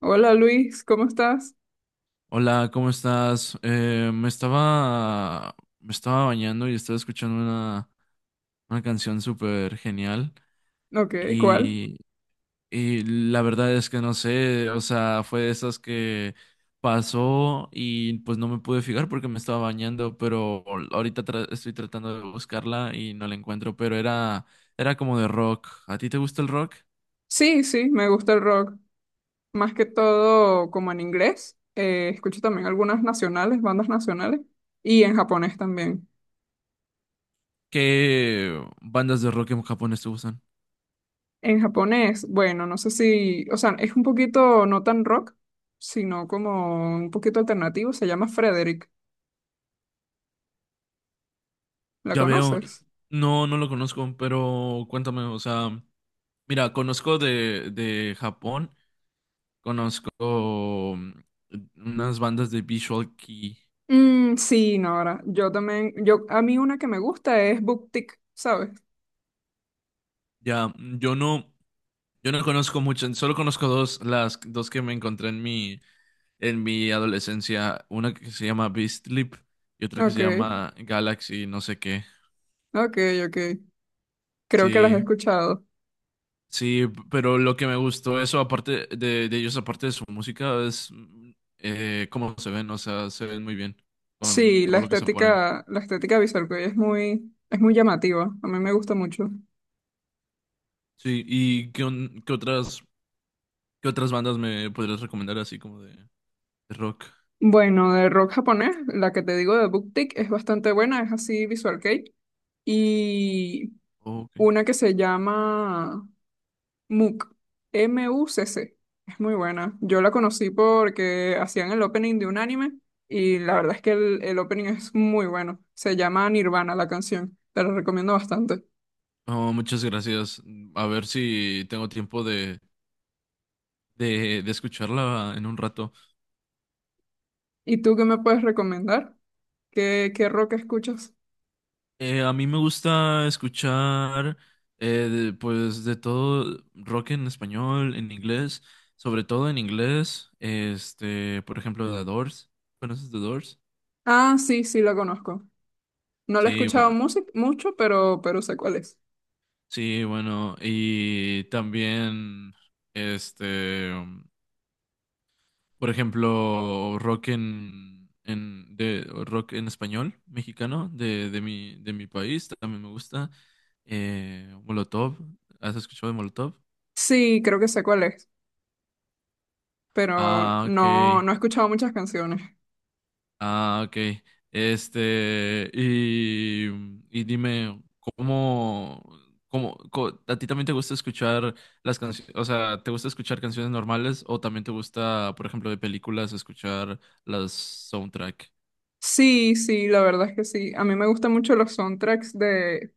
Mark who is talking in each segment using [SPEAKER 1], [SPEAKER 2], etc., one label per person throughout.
[SPEAKER 1] Hola Luis, ¿cómo estás?
[SPEAKER 2] Hola, ¿cómo estás? Me estaba bañando y estaba escuchando una canción súper genial
[SPEAKER 1] Ok, ¿cuál?
[SPEAKER 2] y, y la verdad es que no sé, o sea, fue de esas que pasó y pues no me pude fijar porque me estaba bañando, pero ahorita estoy tratando de buscarla y no la encuentro, pero era como de rock. ¿A ti te gusta el rock?
[SPEAKER 1] Sí, sí, me gusta el rock. Más que todo como en inglés. Escucho también algunas nacionales, bandas nacionales. Y en japonés también.
[SPEAKER 2] ¿Qué bandas de rock en japonés te gustan?
[SPEAKER 1] En japonés, bueno, no sé si, o sea, es un poquito no tan rock, sino como un poquito alternativo. Se llama Frederick. ¿La
[SPEAKER 2] Ya veo,
[SPEAKER 1] conoces?
[SPEAKER 2] no, no lo conozco, pero cuéntame, o sea, mira, conozco de Japón, conozco unas bandas de Visual Kei.
[SPEAKER 1] Mm, sí, Nora. Yo también, a mí una que me gusta es Booktick, ¿sabes?
[SPEAKER 2] Ya, yo no conozco mucho, solo conozco dos, las dos que me encontré en mi adolescencia, una que se llama Beastly y otra que
[SPEAKER 1] Ok,
[SPEAKER 2] se llama Galaxy, no sé qué.
[SPEAKER 1] ok, ok. Creo que las he
[SPEAKER 2] Sí,
[SPEAKER 1] escuchado.
[SPEAKER 2] Sí, pero lo que me gustó eso, aparte de ellos, aparte de su música, es cómo se ven, o sea, se ven muy bien con
[SPEAKER 1] Sí, la
[SPEAKER 2] todo lo que se ponen.
[SPEAKER 1] estética, la estética visual que hoy es muy llamativa. A mí me gusta mucho.
[SPEAKER 2] Sí, ¿y qué otras bandas me podrías recomendar así como de rock?
[SPEAKER 1] Bueno, de rock japonés, la que te digo de BookTik es bastante buena, es así visual kei. Y
[SPEAKER 2] Oh, ok.
[SPEAKER 1] una que se llama MUCC, MUCC. Es muy buena. Yo la conocí porque hacían el opening de un anime y la verdad es que el opening es muy bueno. Se llama Nirvana la canción. Te la recomiendo bastante.
[SPEAKER 2] Oh, muchas gracias. A ver si tengo tiempo de escucharla en un rato.
[SPEAKER 1] ¿Y tú qué me puedes recomendar? ¿Qué rock escuchas?
[SPEAKER 2] A mí me gusta escuchar pues de todo rock en español, en inglés, sobre todo en inglés, este, por ejemplo, The Doors. ¿Conoces The Doors?
[SPEAKER 1] Ah, sí, sí, lo conozco. No lo he
[SPEAKER 2] Sí,
[SPEAKER 1] escuchado
[SPEAKER 2] bueno,
[SPEAKER 1] mucho, pero sé cuál es.
[SPEAKER 2] sí, bueno, y también este, por ejemplo, rock en de rock en español mexicano de mi país también me gusta. Molotov, ¿has escuchado de Molotov?
[SPEAKER 1] Sí, creo que sé cuál es, pero
[SPEAKER 2] Ah,
[SPEAKER 1] no,
[SPEAKER 2] ok.
[SPEAKER 1] no he escuchado muchas canciones.
[SPEAKER 2] Ah, ok. Este, y dime, ¿a ti también te gusta escuchar las canciones? O sea, ¿te gusta escuchar canciones normales o también te gusta, por ejemplo, de películas, escuchar las soundtrack?
[SPEAKER 1] Sí, sí, la verdad es que sí. A mí me gustan mucho los soundtracks de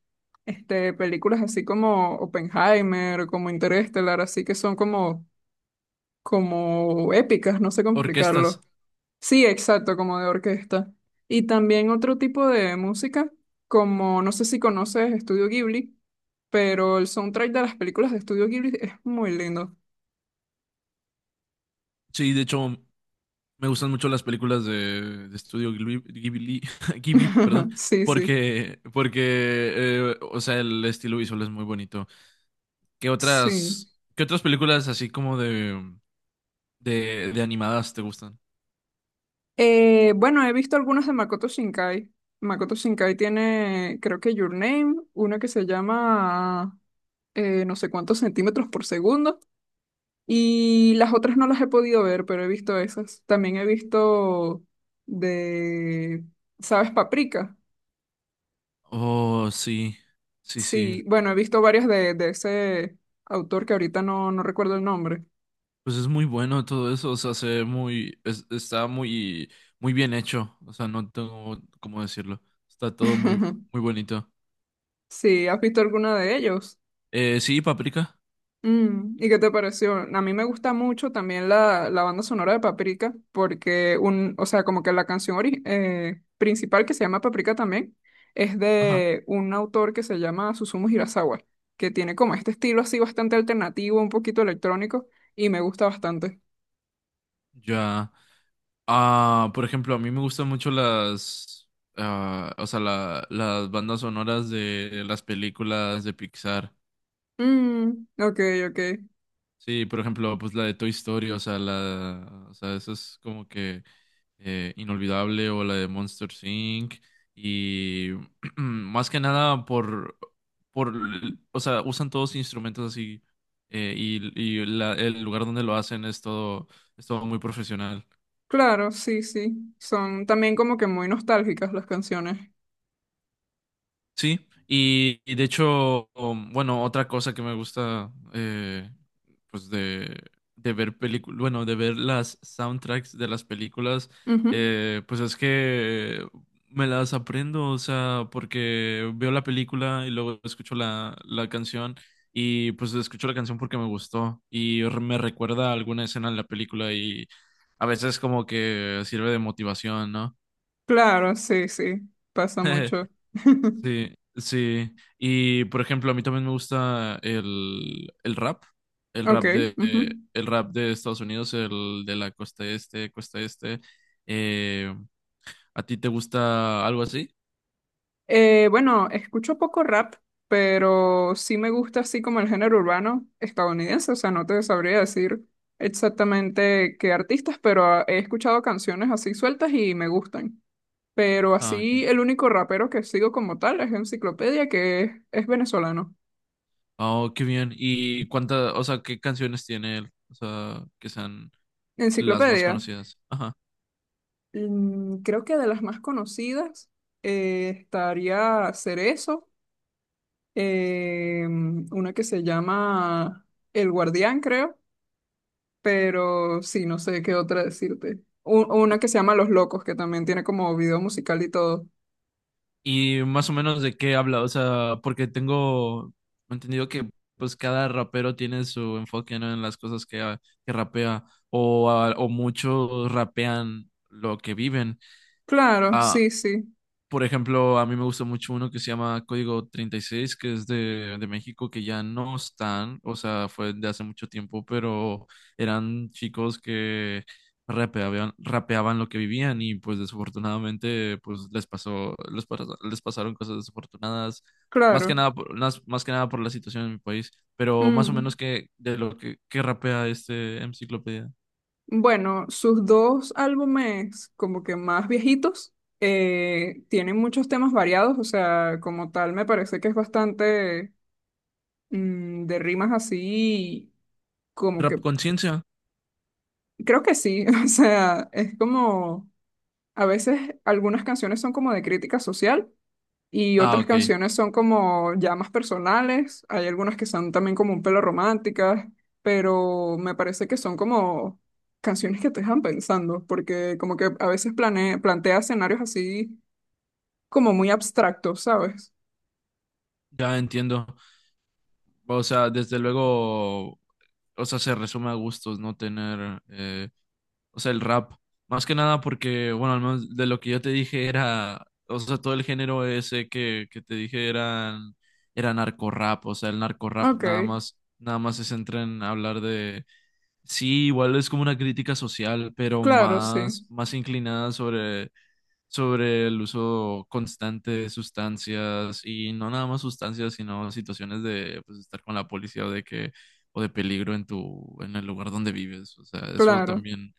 [SPEAKER 1] películas así como Oppenheimer, como Interestelar, así que son como épicas, no sé cómo
[SPEAKER 2] Orquestas.
[SPEAKER 1] explicarlo. Sí, exacto, como de orquesta. Y también otro tipo de música, como no sé si conoces Estudio Ghibli. Pero el soundtrack de las películas de Estudio Ghibli es muy lindo.
[SPEAKER 2] Sí, de hecho, me gustan mucho las películas de Estudio Ghibli, Ghibli, perdón,
[SPEAKER 1] Sí, sí,
[SPEAKER 2] porque, o sea, el estilo visual es muy bonito. ¿Qué
[SPEAKER 1] sí.
[SPEAKER 2] otras, qué otras películas así como de... De animadas te gustan.
[SPEAKER 1] Bueno, he visto algunas de Makoto Shinkai. Makoto Shinkai tiene, creo que Your Name, una que se llama no sé cuántos centímetros por segundo. Y las otras no las he podido ver, pero he visto esas. También he visto de, ¿sabes? Paprika.
[SPEAKER 2] Oh, sí, sí, sí.
[SPEAKER 1] Sí, bueno, he visto varias de ese autor que ahorita no, no recuerdo el nombre.
[SPEAKER 2] Pues es muy bueno todo eso, o sea, se ve muy, está muy, muy bien hecho, o sea, no tengo cómo decirlo. Está todo muy, muy bonito.
[SPEAKER 1] Sí, ¿has visto alguna de ellos?
[SPEAKER 2] Sí, Paprika.
[SPEAKER 1] Mm, ¿y qué te pareció? A mí me gusta mucho también la banda sonora de Paprika, porque o sea, como que la canción principal que se llama Paprika también es
[SPEAKER 2] Ajá.
[SPEAKER 1] de un autor que se llama Susumu Hirasawa, que tiene como este estilo así bastante alternativo, un poquito electrónico, y me gusta bastante.
[SPEAKER 2] Ya. Ah, por ejemplo, a mí me gustan mucho o sea, las bandas sonoras de las películas de Pixar.
[SPEAKER 1] Mm, ok, ok.
[SPEAKER 2] Sí, por ejemplo, pues la de Toy Story, o sea, o sea, eso es como que inolvidable, o la de Monsters Inc. Y más que nada o sea, usan todos instrumentos así y el lugar donde lo hacen es todo muy profesional.
[SPEAKER 1] Claro, sí, sí. Son también como que muy nostálgicas las canciones.
[SPEAKER 2] Sí, y de hecho, bueno, otra cosa que me gusta, pues de ver películas, bueno, de ver las soundtracks de las películas,
[SPEAKER 1] Ujú.
[SPEAKER 2] pues es que me las aprendo, o sea, porque veo la película y luego escucho la canción y pues escucho la canción porque me gustó y me recuerda a alguna escena en la película y a veces como que sirve de motivación, ¿no?
[SPEAKER 1] Claro, sí, sí. Pasa mucho.
[SPEAKER 2] Sí, sí. Y por ejemplo, a mí también me gusta el rap, el
[SPEAKER 1] Ok.
[SPEAKER 2] rap, de
[SPEAKER 1] Ujú.
[SPEAKER 2] el rap de Estados Unidos, el de la costa este, costa este. Eh, ¿a ti te gusta algo así?
[SPEAKER 1] Bueno, escucho poco rap, pero sí me gusta así como el género urbano estadounidense, o sea, no te sabría decir exactamente qué artistas, pero he escuchado canciones así sueltas y me gustan. Pero
[SPEAKER 2] Ah, ok.
[SPEAKER 1] así el único rapero que sigo como tal es Enciclopedia, que es venezolano.
[SPEAKER 2] Oh, qué bien. ¿Y cuántas, o sea, qué canciones tiene él? O sea, que sean las más
[SPEAKER 1] Enciclopedia,
[SPEAKER 2] conocidas. Ajá.
[SPEAKER 1] creo que de las más conocidas estaría Cerezo, eh, una que se llama El Guardián, creo. Pero sí, no sé qué otra decirte. Una que se llama Los Locos, que también tiene como video musical y todo.
[SPEAKER 2] Y más o menos de qué habla, o sea, porque tengo entendido que pues cada rapero tiene su enfoque, ¿no? En las cosas que rapea o muchos rapean lo que viven.
[SPEAKER 1] Claro,
[SPEAKER 2] Ah,
[SPEAKER 1] sí, sí,
[SPEAKER 2] por ejemplo, a mí me gusta mucho uno que se llama Código 36, que es de México, que ya no están, o sea, fue de hace mucho tiempo, pero eran chicos que rapeaban lo que vivían y pues desafortunadamente pues les pasaron cosas desafortunadas, más que
[SPEAKER 1] claro.
[SPEAKER 2] nada, más que nada por la situación en mi país, pero más o
[SPEAKER 1] Mm.
[SPEAKER 2] menos que de lo que rapea este enciclopedia.
[SPEAKER 1] Bueno, sus dos álbumes como que más viejitos tienen muchos temas variados, o sea, como tal me parece que es bastante de rimas así, como que
[SPEAKER 2] Rap Conciencia.
[SPEAKER 1] creo que sí, o sea, es como a veces algunas canciones son como de crítica social y
[SPEAKER 2] Ah,
[SPEAKER 1] otras
[SPEAKER 2] ok,
[SPEAKER 1] canciones son como ya más personales, hay algunas que son también como un pelo románticas, pero me parece que son como canciones que te dejan pensando, porque como que a veces plantea escenarios así como muy abstractos, ¿sabes?
[SPEAKER 2] ya entiendo. O sea, desde luego, o sea, se resume a gustos no tener, o sea, el rap. Más que nada porque, bueno, al menos de lo que yo te dije era, o sea, todo el género ese que te dije era narco rap, o sea, el narco rap
[SPEAKER 1] Ok,
[SPEAKER 2] nada más se centra en hablar de, sí, igual es como una crítica social, pero
[SPEAKER 1] claro, sí,
[SPEAKER 2] más inclinada sobre el uso constante de sustancias y no nada más sustancias, sino situaciones de pues, estar con la policía o de peligro en tu en el lugar donde vives. O sea, eso
[SPEAKER 1] claro,
[SPEAKER 2] también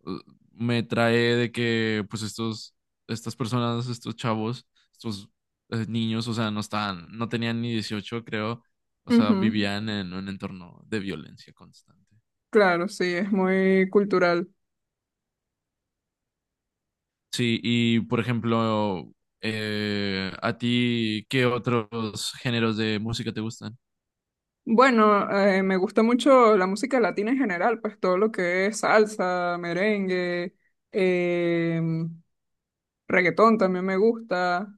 [SPEAKER 2] uh, me trae de que pues estos estas personas, estos chavos, estos niños, o sea, no estaban, no tenían ni 18 creo. O sea,
[SPEAKER 1] ujú.
[SPEAKER 2] vivían en un entorno de violencia constante.
[SPEAKER 1] Claro, sí, es muy cultural.
[SPEAKER 2] Sí, y por ejemplo, ¿a ti qué otros géneros de música te gustan?
[SPEAKER 1] Bueno, me gusta mucho la música latina en general, pues todo lo que es salsa, merengue, em, Reggaetón también me gusta,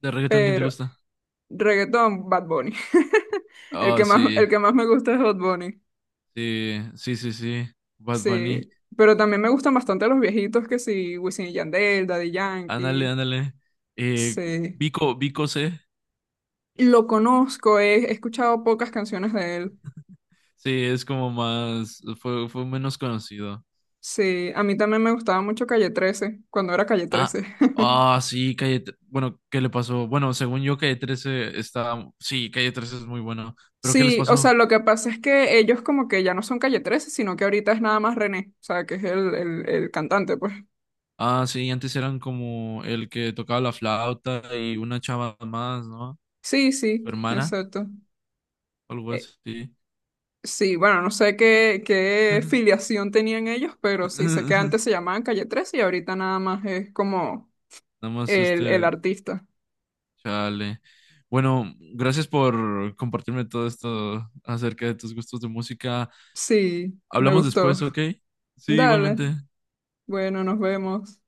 [SPEAKER 2] ¿De reggaetón quién te
[SPEAKER 1] pero
[SPEAKER 2] gusta?
[SPEAKER 1] reggaetón, Bad Bunny. El
[SPEAKER 2] Oh,
[SPEAKER 1] que más,
[SPEAKER 2] sí,
[SPEAKER 1] el que más me gusta es Bad Bunny.
[SPEAKER 2] sí, sí, sí, sí. Bad Bunny.
[SPEAKER 1] Sí, pero también me gustan bastante los viejitos que sí, Wisin y Yandel, Daddy
[SPEAKER 2] Ándale,
[SPEAKER 1] Yankee.
[SPEAKER 2] ándale. Eh,
[SPEAKER 1] Sí,
[SPEAKER 2] Vico C.
[SPEAKER 1] lo conozco, he escuchado pocas canciones de él.
[SPEAKER 2] Sí, es como fue menos conocido.
[SPEAKER 1] Sí, a mí también me gustaba mucho Calle 13 cuando era Calle
[SPEAKER 2] Ah,
[SPEAKER 1] trece,
[SPEAKER 2] ah, sí, bueno, ¿qué le pasó? Bueno, según yo, Calle 13 está, sí, Calle 13 es muy bueno, pero ¿qué les
[SPEAKER 1] Sí, o sea,
[SPEAKER 2] pasó?
[SPEAKER 1] lo que pasa es que ellos como que ya no son Calle 13, sino que ahorita es nada más René, o sea, que es el cantante, pues.
[SPEAKER 2] Ah, sí, antes eran como el que tocaba la flauta y una chava más, ¿no?
[SPEAKER 1] Sí,
[SPEAKER 2] Su
[SPEAKER 1] sí,
[SPEAKER 2] hermana,
[SPEAKER 1] exacto.
[SPEAKER 2] algo
[SPEAKER 1] Eh,
[SPEAKER 2] así.
[SPEAKER 1] sí, bueno, no sé qué filiación tenían ellos, pero sí sé que
[SPEAKER 2] Nada
[SPEAKER 1] antes se llamaban Calle 13 y ahorita nada más es como
[SPEAKER 2] más
[SPEAKER 1] el
[SPEAKER 2] este,
[SPEAKER 1] artista.
[SPEAKER 2] chale. Bueno, gracias por compartirme todo esto acerca de tus gustos de música.
[SPEAKER 1] Sí, me
[SPEAKER 2] Hablamos
[SPEAKER 1] gustó.
[SPEAKER 2] después, ¿ok? Sí,
[SPEAKER 1] Dale,
[SPEAKER 2] igualmente.
[SPEAKER 1] bueno, nos vemos.